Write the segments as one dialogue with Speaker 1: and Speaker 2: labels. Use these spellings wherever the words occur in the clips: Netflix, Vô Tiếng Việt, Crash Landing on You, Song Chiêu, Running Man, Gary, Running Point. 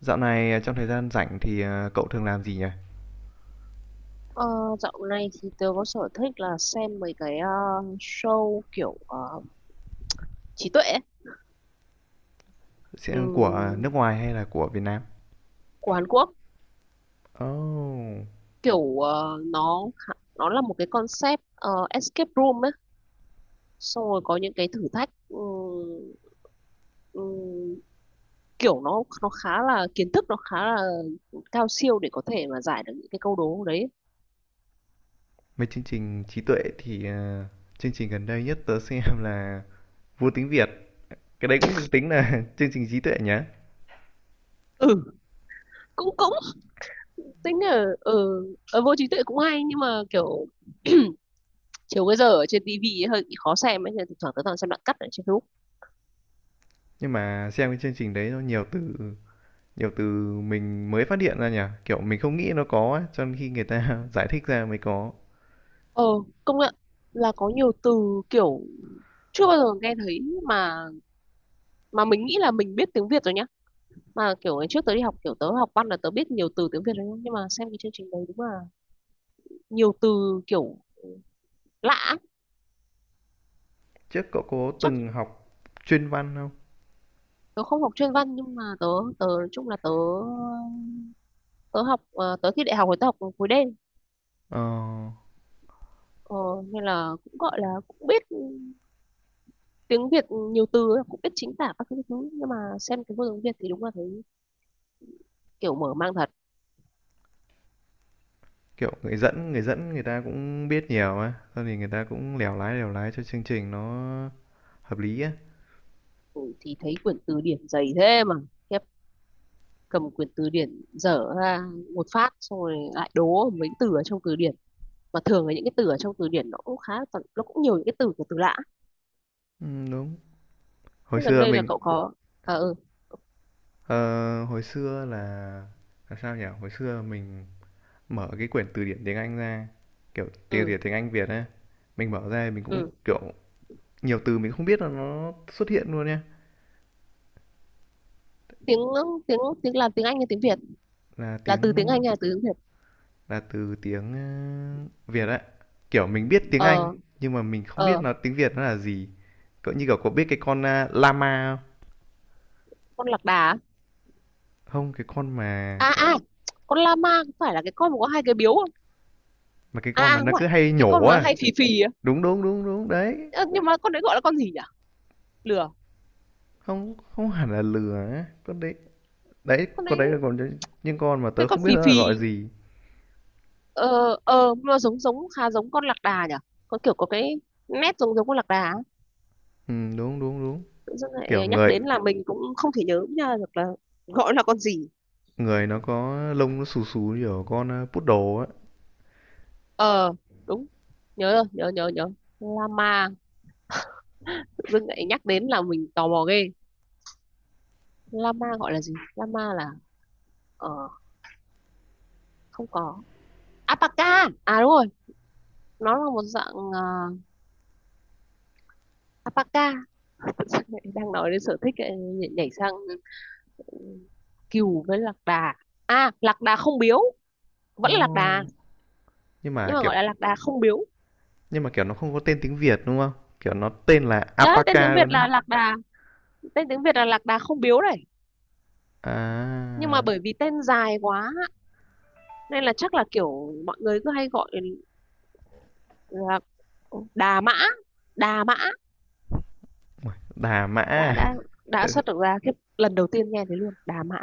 Speaker 1: Dạo này à, trong thời gian rảnh thì cậu thường làm gì nhỉ?
Speaker 2: Ờ, Dạo này thì tớ có sở thích là xem mấy cái show kiểu trí tuệ ấy,
Speaker 1: Sẽ của à, nước
Speaker 2: ừm,
Speaker 1: ngoài hay là của Việt Nam?
Speaker 2: của Hàn Quốc.
Speaker 1: Oh,
Speaker 2: Kiểu nó nó là một cái concept escape room ấy, xong rồi có những cái thử thách. Ừm, Kiểu nó khá là kiến thức, nó khá là cao siêu để có thể mà giải được những cái câu đố đấy.
Speaker 1: mấy chương trình trí tuệ thì chương trình gần đây nhất tớ xem là Vô Tiếng Việt. Cái đấy cũng được tính là chương trình trí tuệ nhá.
Speaker 2: Ừ, cũng cũng tính là ừ. Vô trí tuệ cũng hay nhưng mà kiểu chiều cái giờ ở trên tivi ấy hơi bị khó xem ấy, nên thỉnh thoảng tớ toàn xem đoạn cắt ở trên Facebook.
Speaker 1: Nhưng mà xem cái chương trình đấy nó nhiều từ mình mới phát hiện ra nhỉ? Kiểu mình không nghĩ nó có ấy, cho nên khi người ta giải thích ra mới có.
Speaker 2: Ờ, công nhận là có nhiều từ kiểu chưa bao giờ nghe thấy, mà mà mình nghĩ là mình biết tiếng Việt rồi nhá. Mà kiểu ngày trước tớ đi học, kiểu tớ học văn là tớ biết nhiều từ tiếng Việt rồi nhá, nhưng mà xem cái chương trình đấy đúng là nhiều từ kiểu lạ ấy.
Speaker 1: Trước cậu có
Speaker 2: Chắc
Speaker 1: từng học chuyên văn không?
Speaker 2: tớ không học chuyên văn nhưng mà tớ tớ nói chung là tớ tớ học tớ thi đại học rồi tớ học khối đen.
Speaker 1: Ờ.
Speaker 2: ờ, Nên là cũng gọi là cũng biết tiếng Việt nhiều từ ấy, cũng biết chính tả các thứ. Nhưng mà xem cái vô tiếng Việt thì đúng là thấy kiểu mở mang thật.
Speaker 1: Kiểu người dẫn người ta cũng biết nhiều á, xong thì người ta cũng lèo lái cho chương trình nó hợp lý á.
Speaker 2: Ừ, thì thấy quyển từ điển dày thế mà khiếp, cầm quyển từ điển dở ra một phát xong rồi lại đố mấy từ ở trong từ điển, mà thường là những cái từ ở trong từ điển nó cũng khá là nó cũng nhiều những cái từ của từ lạ.
Speaker 1: Ừ, đúng. Hồi
Speaker 2: Thế gần
Speaker 1: xưa
Speaker 2: đây là
Speaker 1: mình
Speaker 2: cậu có. À ừ.
Speaker 1: ờ, hồi xưa là sao nhỉ? Hồi xưa mình mở cái quyển từ điển tiếng Anh ra, kiểu từ
Speaker 2: ừ
Speaker 1: điển tiếng Anh Việt á, mình mở ra mình cũng
Speaker 2: ừ
Speaker 1: kiểu nhiều từ mình không biết là nó xuất hiện luôn nha.
Speaker 2: tiếng tiếng Tiếng là tiếng Anh hay tiếng Việt?
Speaker 1: Là
Speaker 2: Là từ tiếng
Speaker 1: tiếng
Speaker 2: Anh hay là từ tiếng Việt?
Speaker 1: là từ tiếng Việt ấy. Kiểu mình biết tiếng Anh
Speaker 2: Ờ
Speaker 1: nhưng mà mình không biết
Speaker 2: ờ,
Speaker 1: nó tiếng Việt nó là gì. Cậu như kiểu có biết cái con llama không?
Speaker 2: con lạc đà á?
Speaker 1: Không, cái con mà
Speaker 2: À à, con lama có phải là cái con mà có hai cái biếu không?
Speaker 1: cái
Speaker 2: À
Speaker 1: con
Speaker 2: à,
Speaker 1: mà
Speaker 2: không
Speaker 1: nó cứ
Speaker 2: phải,
Speaker 1: hay
Speaker 2: cái
Speaker 1: nhổ
Speaker 2: con mà
Speaker 1: à.
Speaker 2: hay phì phì á.
Speaker 1: Đúng đúng đúng đúng đấy.
Speaker 2: Ơ, nhưng mà con đấy gọi là con gì nhỉ? Lừa.
Speaker 1: Không không hẳn là lừa á. Con đấy đấy
Speaker 2: Con
Speaker 1: con đấy là
Speaker 2: đấy,
Speaker 1: còn những con mà
Speaker 2: cái
Speaker 1: tớ
Speaker 2: con
Speaker 1: không biết
Speaker 2: phì
Speaker 1: nó là
Speaker 2: phì.
Speaker 1: gọi gì.
Speaker 2: Ờ ờ, nó giống giống khá giống con lạc đà nhỉ, có kiểu có cái nét giống giống con lạc đà á.
Speaker 1: Ừ, đúng đúng đúng.
Speaker 2: Tự dưng
Speaker 1: Kiểu
Speaker 2: lại nhắc
Speaker 1: người
Speaker 2: đến là mình cũng không thể nhớ nha được là gọi là con gì.
Speaker 1: người nó có lông nó xù xù như kiểu con poodle á.
Speaker 2: Ờ đúng, nhớ rồi, nhớ nhớ nhớ. Lama. Tự dưng lại nhắc đến là mình tò mò ghê. Lama gọi là gì? Lama là ờ, không có. Alpaca, à đúng rồi. Nó là một dạng alpaca. Đang nói đến sở thích lại nhảy sang ừ, cừu với lạc đà. À lạc đà không biếu, vẫn là lạc đà,
Speaker 1: Oh. Nhưng
Speaker 2: nhưng
Speaker 1: mà
Speaker 2: mà
Speaker 1: kiểu
Speaker 2: gọi là lạc đà không biếu
Speaker 1: nhưng mà, kiểu, nó không có tên tiếng Việt, đúng không? Kiểu, nó tên là
Speaker 2: đấy. Tên
Speaker 1: Alpaca
Speaker 2: tiếng Việt
Speaker 1: luôn đấy.
Speaker 2: là lạc đà, tên tiếng Việt là lạc đà không biếu đấy, nhưng mà
Speaker 1: À,
Speaker 2: bởi vì tên dài quá nên là chắc là kiểu mọi người cứ hay gọi là đà mã, đà mã.
Speaker 1: Đà Mã
Speaker 2: đã
Speaker 1: à?
Speaker 2: đã đã
Speaker 1: Tại sao
Speaker 2: xuất được ra cái lần đầu tiên nghe thấy luôn đà mã.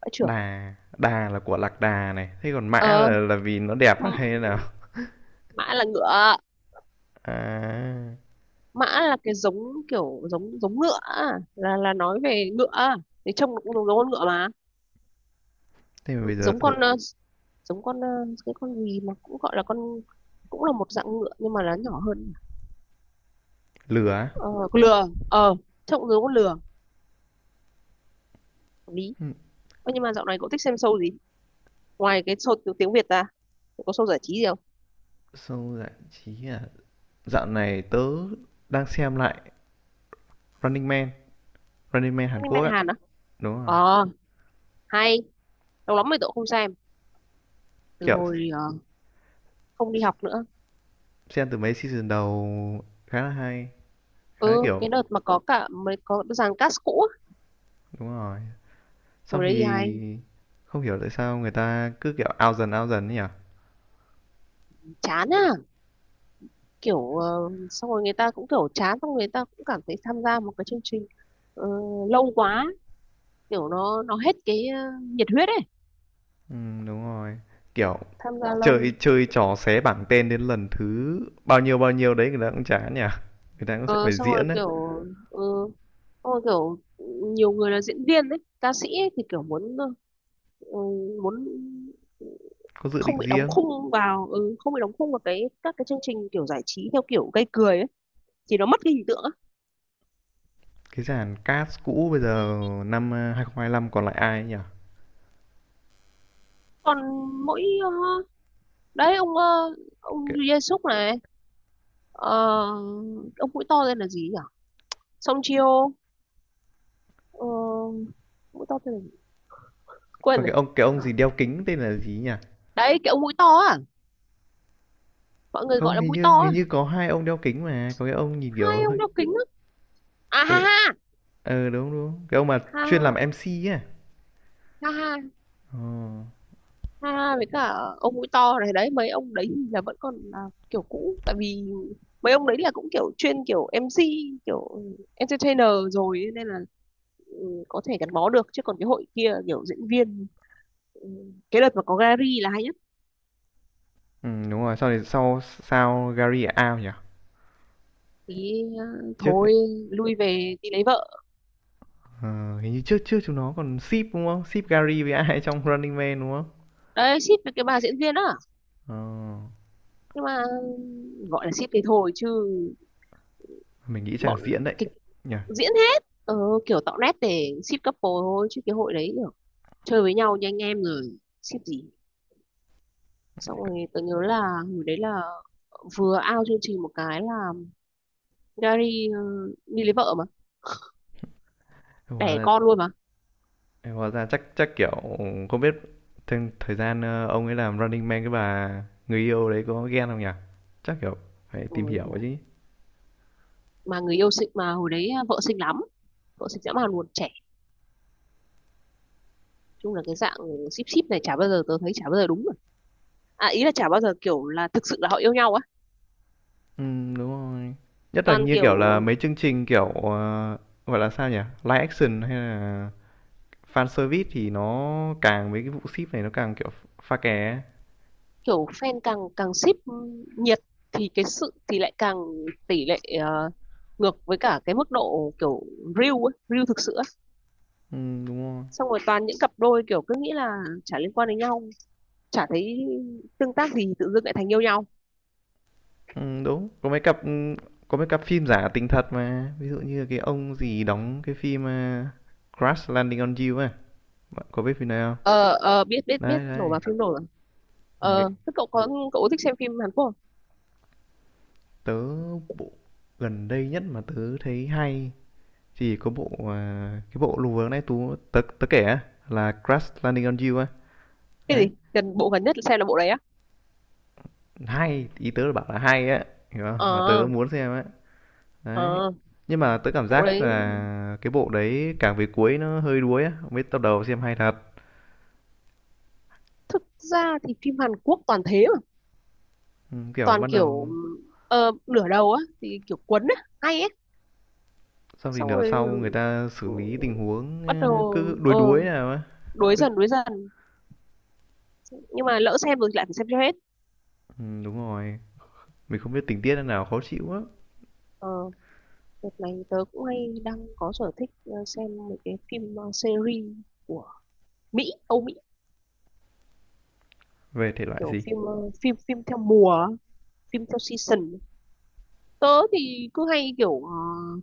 Speaker 2: Mã trưởng.
Speaker 1: Đà Đà là của lạc đà này, thế còn Mã là
Speaker 2: Ờ
Speaker 1: vì nó đẹp à, hay
Speaker 2: ừ,
Speaker 1: thế nào?
Speaker 2: mã là ngựa.
Speaker 1: À,
Speaker 2: Mã là cái giống kiểu giống giống ngựa á, là nói về ngựa á. Thì trông nó cũng giống, giống con ngựa mà.
Speaker 1: thế mà bây giờ
Speaker 2: Giống
Speaker 1: tớ
Speaker 2: con giống con cái con gì mà cũng gọi là con, cũng là một dạng ngựa nhưng mà là nhỏ hơn.
Speaker 1: lừa á?
Speaker 2: Ờ, con lừa, ờ, trông giống con lừa. Hợp lý.
Speaker 1: Ừm,
Speaker 2: Ơ, nhưng mà dạo này cậu thích xem show gì ngoài cái show tiếng tiếng Việt ra? Cậu có show giải trí gì không?
Speaker 1: show giải trí à? Dạo này tớ đang xem lại Running Man, Running Man Hàn
Speaker 2: Anime
Speaker 1: Quốc á.
Speaker 2: Hàn á?
Speaker 1: Đúng rồi,
Speaker 2: Ờ hay. Lâu lắm rồi cậu không xem, từ
Speaker 1: kiểu,
Speaker 2: hồi không đi học nữa.
Speaker 1: xem từ mấy season đầu khá là hay, khá, là
Speaker 2: Ừ,
Speaker 1: kiểu
Speaker 2: cái đợt mà có cả mới có dàn cast cũ á,
Speaker 1: đúng rồi. Sau
Speaker 2: hồi đấy thì hay.
Speaker 1: thì không hiểu tại sao người ta cứ kiểu ao dần ấy nhỉ?
Speaker 2: Chán à? Kiểu xong rồi người ta cũng kiểu chán, xong người ta cũng cảm thấy tham gia một cái chương trình ờ, lâu quá, kiểu nó hết cái nhiệt huyết ấy.
Speaker 1: Đúng rồi. Kiểu
Speaker 2: Tham gia
Speaker 1: chơi
Speaker 2: lâu.
Speaker 1: chơi trò xé bảng tên đến lần thứ bao nhiêu đấy người ta cũng chán nhỉ? Người ta cũng sẽ
Speaker 2: Ờ,
Speaker 1: phải
Speaker 2: xong rồi
Speaker 1: diễn đấy,
Speaker 2: kiểu ờ, xong rồi kiểu nhiều người là diễn viên ấy, ca sĩ ấy, thì kiểu muốn ừ, muốn
Speaker 1: có dự
Speaker 2: không
Speaker 1: định
Speaker 2: bị đóng
Speaker 1: riêng.
Speaker 2: khung vào ừ, không bị đóng khung vào cái các cái chương trình kiểu giải trí theo kiểu gây cười ấy, thì nó mất cái hình tượng á.
Speaker 1: Cái dàn cast cũ bây giờ năm 2025 còn lại ai ấy nhỉ?
Speaker 2: Còn mỗi đấy ông ông
Speaker 1: Cái,
Speaker 2: Jesus này. Ờ, ông mũi to tên là gì nhỉ? Song Chiêu. Ờ, mũi to tên là gì? Quên
Speaker 1: còn
Speaker 2: rồi.
Speaker 1: cái ông gì đeo kính tên là gì nhỉ?
Speaker 2: Đấy, cái ông mũi to à? Mọi người gọi
Speaker 1: Không
Speaker 2: là
Speaker 1: hình
Speaker 2: mũi to
Speaker 1: như
Speaker 2: à?
Speaker 1: có hai ông đeo kính mà, có cái ông nhìn
Speaker 2: Hai
Speaker 1: kiểu
Speaker 2: ông
Speaker 1: hơi
Speaker 2: đeo kính á. À
Speaker 1: có
Speaker 2: ha
Speaker 1: cái...
Speaker 2: ha.
Speaker 1: Ờ đúng đúng. Cái ông mà chuyên làm
Speaker 2: Ha
Speaker 1: MC ấy. À?
Speaker 2: ha ha.
Speaker 1: Ờ.
Speaker 2: Ha với cả ông mũi to này đấy, mấy ông đấy thì là vẫn còn là kiểu cũ, tại vì mấy ông đấy là cũng kiểu chuyên kiểu MC, kiểu entertainer rồi ấy, nên là ừ, có thể gắn bó được chứ còn cái hội kia kiểu diễn viên. Ừ, cái đợt mà có Gary là hay.
Speaker 1: Ừ, đúng rồi, sau này sau sao Gary là Ao nhỉ?
Speaker 2: Thì
Speaker 1: Trước
Speaker 2: thôi lui về đi lấy vợ.
Speaker 1: ờ, hình như trước trước chúng nó còn ship đúng không? Ship Gary với ai trong Running Man đúng không?
Speaker 2: Đấy ship với cái bà diễn viên á,
Speaker 1: Ờ,
Speaker 2: nhưng mà gọi là ship thì thôi chứ,
Speaker 1: mình nghĩ chắc là
Speaker 2: bọn
Speaker 1: diễn đấy
Speaker 2: kịch
Speaker 1: nhỉ.
Speaker 2: diễn hết. Ờ, Kiểu tạo nét để ship couple thôi chứ cái hội đấy kiểu chơi với nhau như anh em rồi, ship gì. Xong rồi tôi nhớ là hồi đấy là vừa out chương trình một cái là Gary đi lấy vợ mà,
Speaker 1: Hóa
Speaker 2: đẻ
Speaker 1: ra
Speaker 2: con luôn mà.
Speaker 1: chắc chắc kiểu không biết thêm thời gian ông ấy làm Running Man cái bà người yêu đấy có ghen không nhỉ? Chắc kiểu phải tìm
Speaker 2: Ôi
Speaker 1: hiểu ấy
Speaker 2: giời.
Speaker 1: chứ.
Speaker 2: Mà người yêu xinh mà, hồi đấy vợ xinh lắm, vợ xinh dã man luôn, trẻ. Chung là cái dạng ship ship này chả bao giờ tôi thấy chả bao giờ đúng, à ý là chả bao giờ kiểu là thực sự là họ yêu nhau á.
Speaker 1: Ừ, đúng rồi. Nhất là
Speaker 2: Toàn
Speaker 1: như
Speaker 2: kiểu
Speaker 1: kiểu là mấy chương trình kiểu gọi là sao nhỉ? Live action hay là fan service thì nó càng mấy cái vụ ship này nó càng kiểu pha kè
Speaker 2: kiểu fan càng càng ship nhiệt thì cái sự thì lại càng tỷ lệ ngược với cả cái mức độ kiểu real ấy, real thực sự á.
Speaker 1: ừ, đúng rồi
Speaker 2: Xong rồi toàn những cặp đôi kiểu cứ nghĩ là chả liên quan đến nhau, chả thấy tương tác gì, tự dưng lại thành yêu nhau.
Speaker 1: ừ, đúng có mấy cặp ừ, có mấy cặp phim giả tình thật mà ví dụ như là cái ông gì đóng cái phim Crash Landing on You ấy, bạn có biết phim này không?
Speaker 2: Ờ ờ, biết biết biết,
Speaker 1: Đấy
Speaker 2: nổ
Speaker 1: đấy.
Speaker 2: vào phim nổ rồi.
Speaker 1: Ừ, cái
Speaker 2: Ờ thế cậu có, cậu có thích xem phim Hàn Quốc không?
Speaker 1: tớ bộ gần đây nhất mà tớ thấy hay thì có bộ à, cái bộ lùa nãy tú tớ tớ kể á là Crash Landing on You á.
Speaker 2: Cái
Speaker 1: Đấy
Speaker 2: gì, gần bộ gần nhất xem là bộ đấy á?
Speaker 1: hay ý tớ là bảo là hay á, hiểu không mà tớ
Speaker 2: Ờ
Speaker 1: muốn xem á. Đấy.
Speaker 2: ờ,
Speaker 1: Nhưng mà tớ cảm
Speaker 2: bộ
Speaker 1: giác
Speaker 2: đấy
Speaker 1: là cái bộ đấy càng về cuối nó hơi đuối á, mấy tập đầu xem hay thật.
Speaker 2: thực ra thì phim Hàn Quốc toàn thế,
Speaker 1: Ừ, kiểu
Speaker 2: toàn
Speaker 1: bắt đầu
Speaker 2: kiểu nửa đầu á thì kiểu quấn á hay ấy,
Speaker 1: xong thì
Speaker 2: xong
Speaker 1: nửa
Speaker 2: rồi
Speaker 1: sau người ta xử
Speaker 2: ừ,
Speaker 1: lý tình huống
Speaker 2: bắt đầu
Speaker 1: cứ đuối
Speaker 2: ờ
Speaker 1: đuối nào á.
Speaker 2: đuối
Speaker 1: Cứ...
Speaker 2: dần đuối dần, nhưng mà lỡ xem rồi thì lại phải xem cho hết.
Speaker 1: Ừ, đúng rồi. Mình không biết tình tiết nào khó chịu á.
Speaker 2: Ờ, đợt này tớ cũng hay đang có sở thích xem mấy cái phim series của Mỹ, Âu Mỹ.
Speaker 1: Về thể loại
Speaker 2: Kiểu
Speaker 1: gì?
Speaker 2: phim phim phim theo mùa á, phim theo season. Tớ thì cứ hay kiểu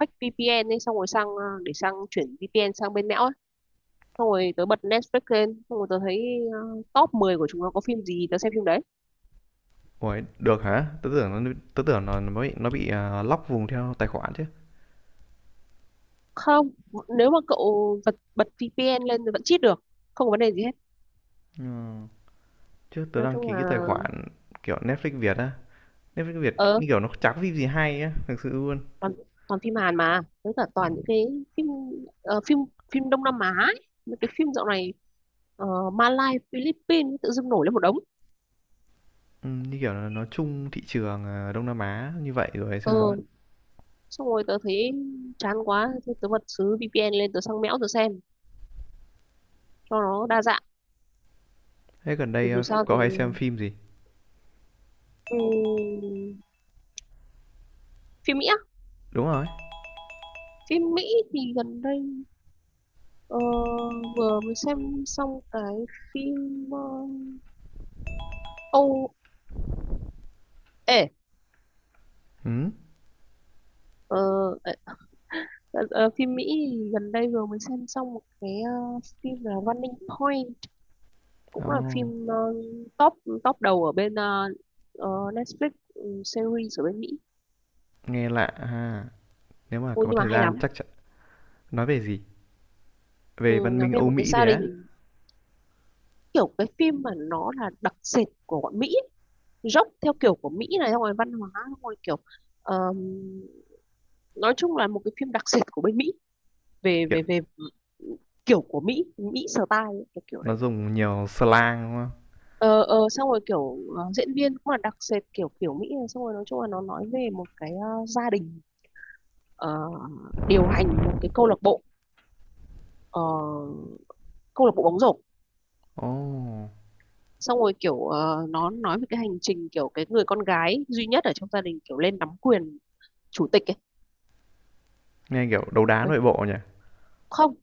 Speaker 2: fake VPN ấy, xong rồi sang để sang chuyển VPN sang bên Mẽo, xong rồi tớ bật Netflix lên, xong rồi tớ thấy top 10 của chúng nó có phim gì tớ xem phim đấy.
Speaker 1: Ủa, được hả? Tớ tưởng nó nó bị lock vùng theo tài khoản chứ.
Speaker 2: Không, nếu mà cậu bật bật VPN lên thì vẫn cheat được, không có vấn đề gì hết.
Speaker 1: Ừ. Chứ tớ
Speaker 2: Nói
Speaker 1: đăng
Speaker 2: chung
Speaker 1: ký cái tài
Speaker 2: là
Speaker 1: khoản kiểu Netflix Việt á. Netflix Việt
Speaker 2: ờ
Speaker 1: như kiểu nó chả có phim gì hay á, thực sự luôn.
Speaker 2: toàn toàn phim Hàn, mà với cả toàn những cái phim phim phim Đông Nam Á ấy. Mấy cái phim dạo này Malai Philippines tự dưng nổi lên một đống.
Speaker 1: Ừ, như kiểu là nó chung thị trường Đông Nam Á như vậy rồi hay
Speaker 2: Ờ,
Speaker 1: sao ấy.
Speaker 2: xong rồi tớ thấy chán quá thì tớ bật xứ VPN lên, tớ sang mẽo, tớ xem cho nó đa dạng.
Speaker 1: Thế gần đây
Speaker 2: Dù sao
Speaker 1: có
Speaker 2: thì
Speaker 1: hay xem phim gì?
Speaker 2: ừm, phim Mỹ.
Speaker 1: Đúng rồi.
Speaker 2: Phim Mỹ thì gần đây ờ, vừa mới xem xong cái phim Âu ê
Speaker 1: Ừ.
Speaker 2: ờ, ờ, phim Mỹ thì gần đây vừa mới xem xong một cái phim là Running Point, cũng là
Speaker 1: Oh,
Speaker 2: phim top top đầu ở bên ờ, Netflix, ừ, series ở bên Mỹ.
Speaker 1: nghe lạ ha. Nếu mà
Speaker 2: Ôi,
Speaker 1: có
Speaker 2: nhưng mà
Speaker 1: thời
Speaker 2: hay
Speaker 1: gian
Speaker 2: lắm.
Speaker 1: chắc chắn nói về gì?
Speaker 2: Ừ,
Speaker 1: Về văn
Speaker 2: nói
Speaker 1: minh
Speaker 2: về
Speaker 1: Âu
Speaker 2: một cái
Speaker 1: Mỹ đấy
Speaker 2: gia
Speaker 1: á.
Speaker 2: đình. Kiểu cái phim mà nó là đặc sệt của bọn Mỹ ấy, dốc theo kiểu của Mỹ này, xong rồi văn hóa, xong rồi kiểu ờm, nói chung là một cái phim đặc sệt của bên Mỹ về
Speaker 1: Kiểu
Speaker 2: về về kiểu của Mỹ, Mỹ style ấy, cái kiểu
Speaker 1: nó
Speaker 2: đấy.
Speaker 1: dùng nhiều slang đúng
Speaker 2: Ờ, Xong rồi kiểu diễn viên cũng là đặc sệt kiểu kiểu Mỹ này, xong rồi nói chung là nó nói về một cái gia đình ờ, điều hành một cái câu lạc bộ ờ, câu lạc bộ bóng rổ,
Speaker 1: không? Oh,
Speaker 2: xong rồi kiểu nó nói về cái hành trình kiểu cái người con gái duy nhất ở trong gia đình kiểu lên nắm quyền chủ tịch ấy.
Speaker 1: nghe kiểu đấu đá nội bộ nhỉ.
Speaker 2: Không,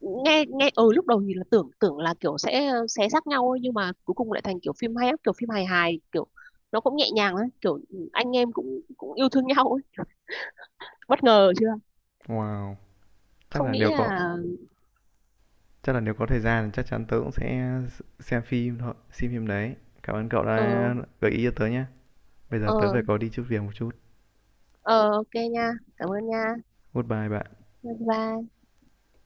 Speaker 2: nghe nghe ừ lúc đầu thì là tưởng tưởng là kiểu sẽ xé xác nhau ấy, nhưng mà cuối cùng lại thành kiểu phim hay lắm, kiểu phim hài hài kiểu nó cũng nhẹ nhàng ấy, kiểu anh em cũng cũng yêu thương nhau ấy. Kiểu bất ngờ chưa?
Speaker 1: Wow. Chắc
Speaker 2: Không
Speaker 1: là
Speaker 2: nghĩ
Speaker 1: nếu có
Speaker 2: là.
Speaker 1: thời gian thì chắc chắn tớ cũng sẽ xem phim thôi, xem phim đấy. Cảm ơn cậu
Speaker 2: ờ
Speaker 1: đã gợi ý cho tớ nhé. Bây giờ tớ
Speaker 2: ờ
Speaker 1: phải có đi chút việc một chút.
Speaker 2: ờ ok nha, cảm ơn nha.
Speaker 1: Goodbye bạn.
Speaker 2: Bye bye.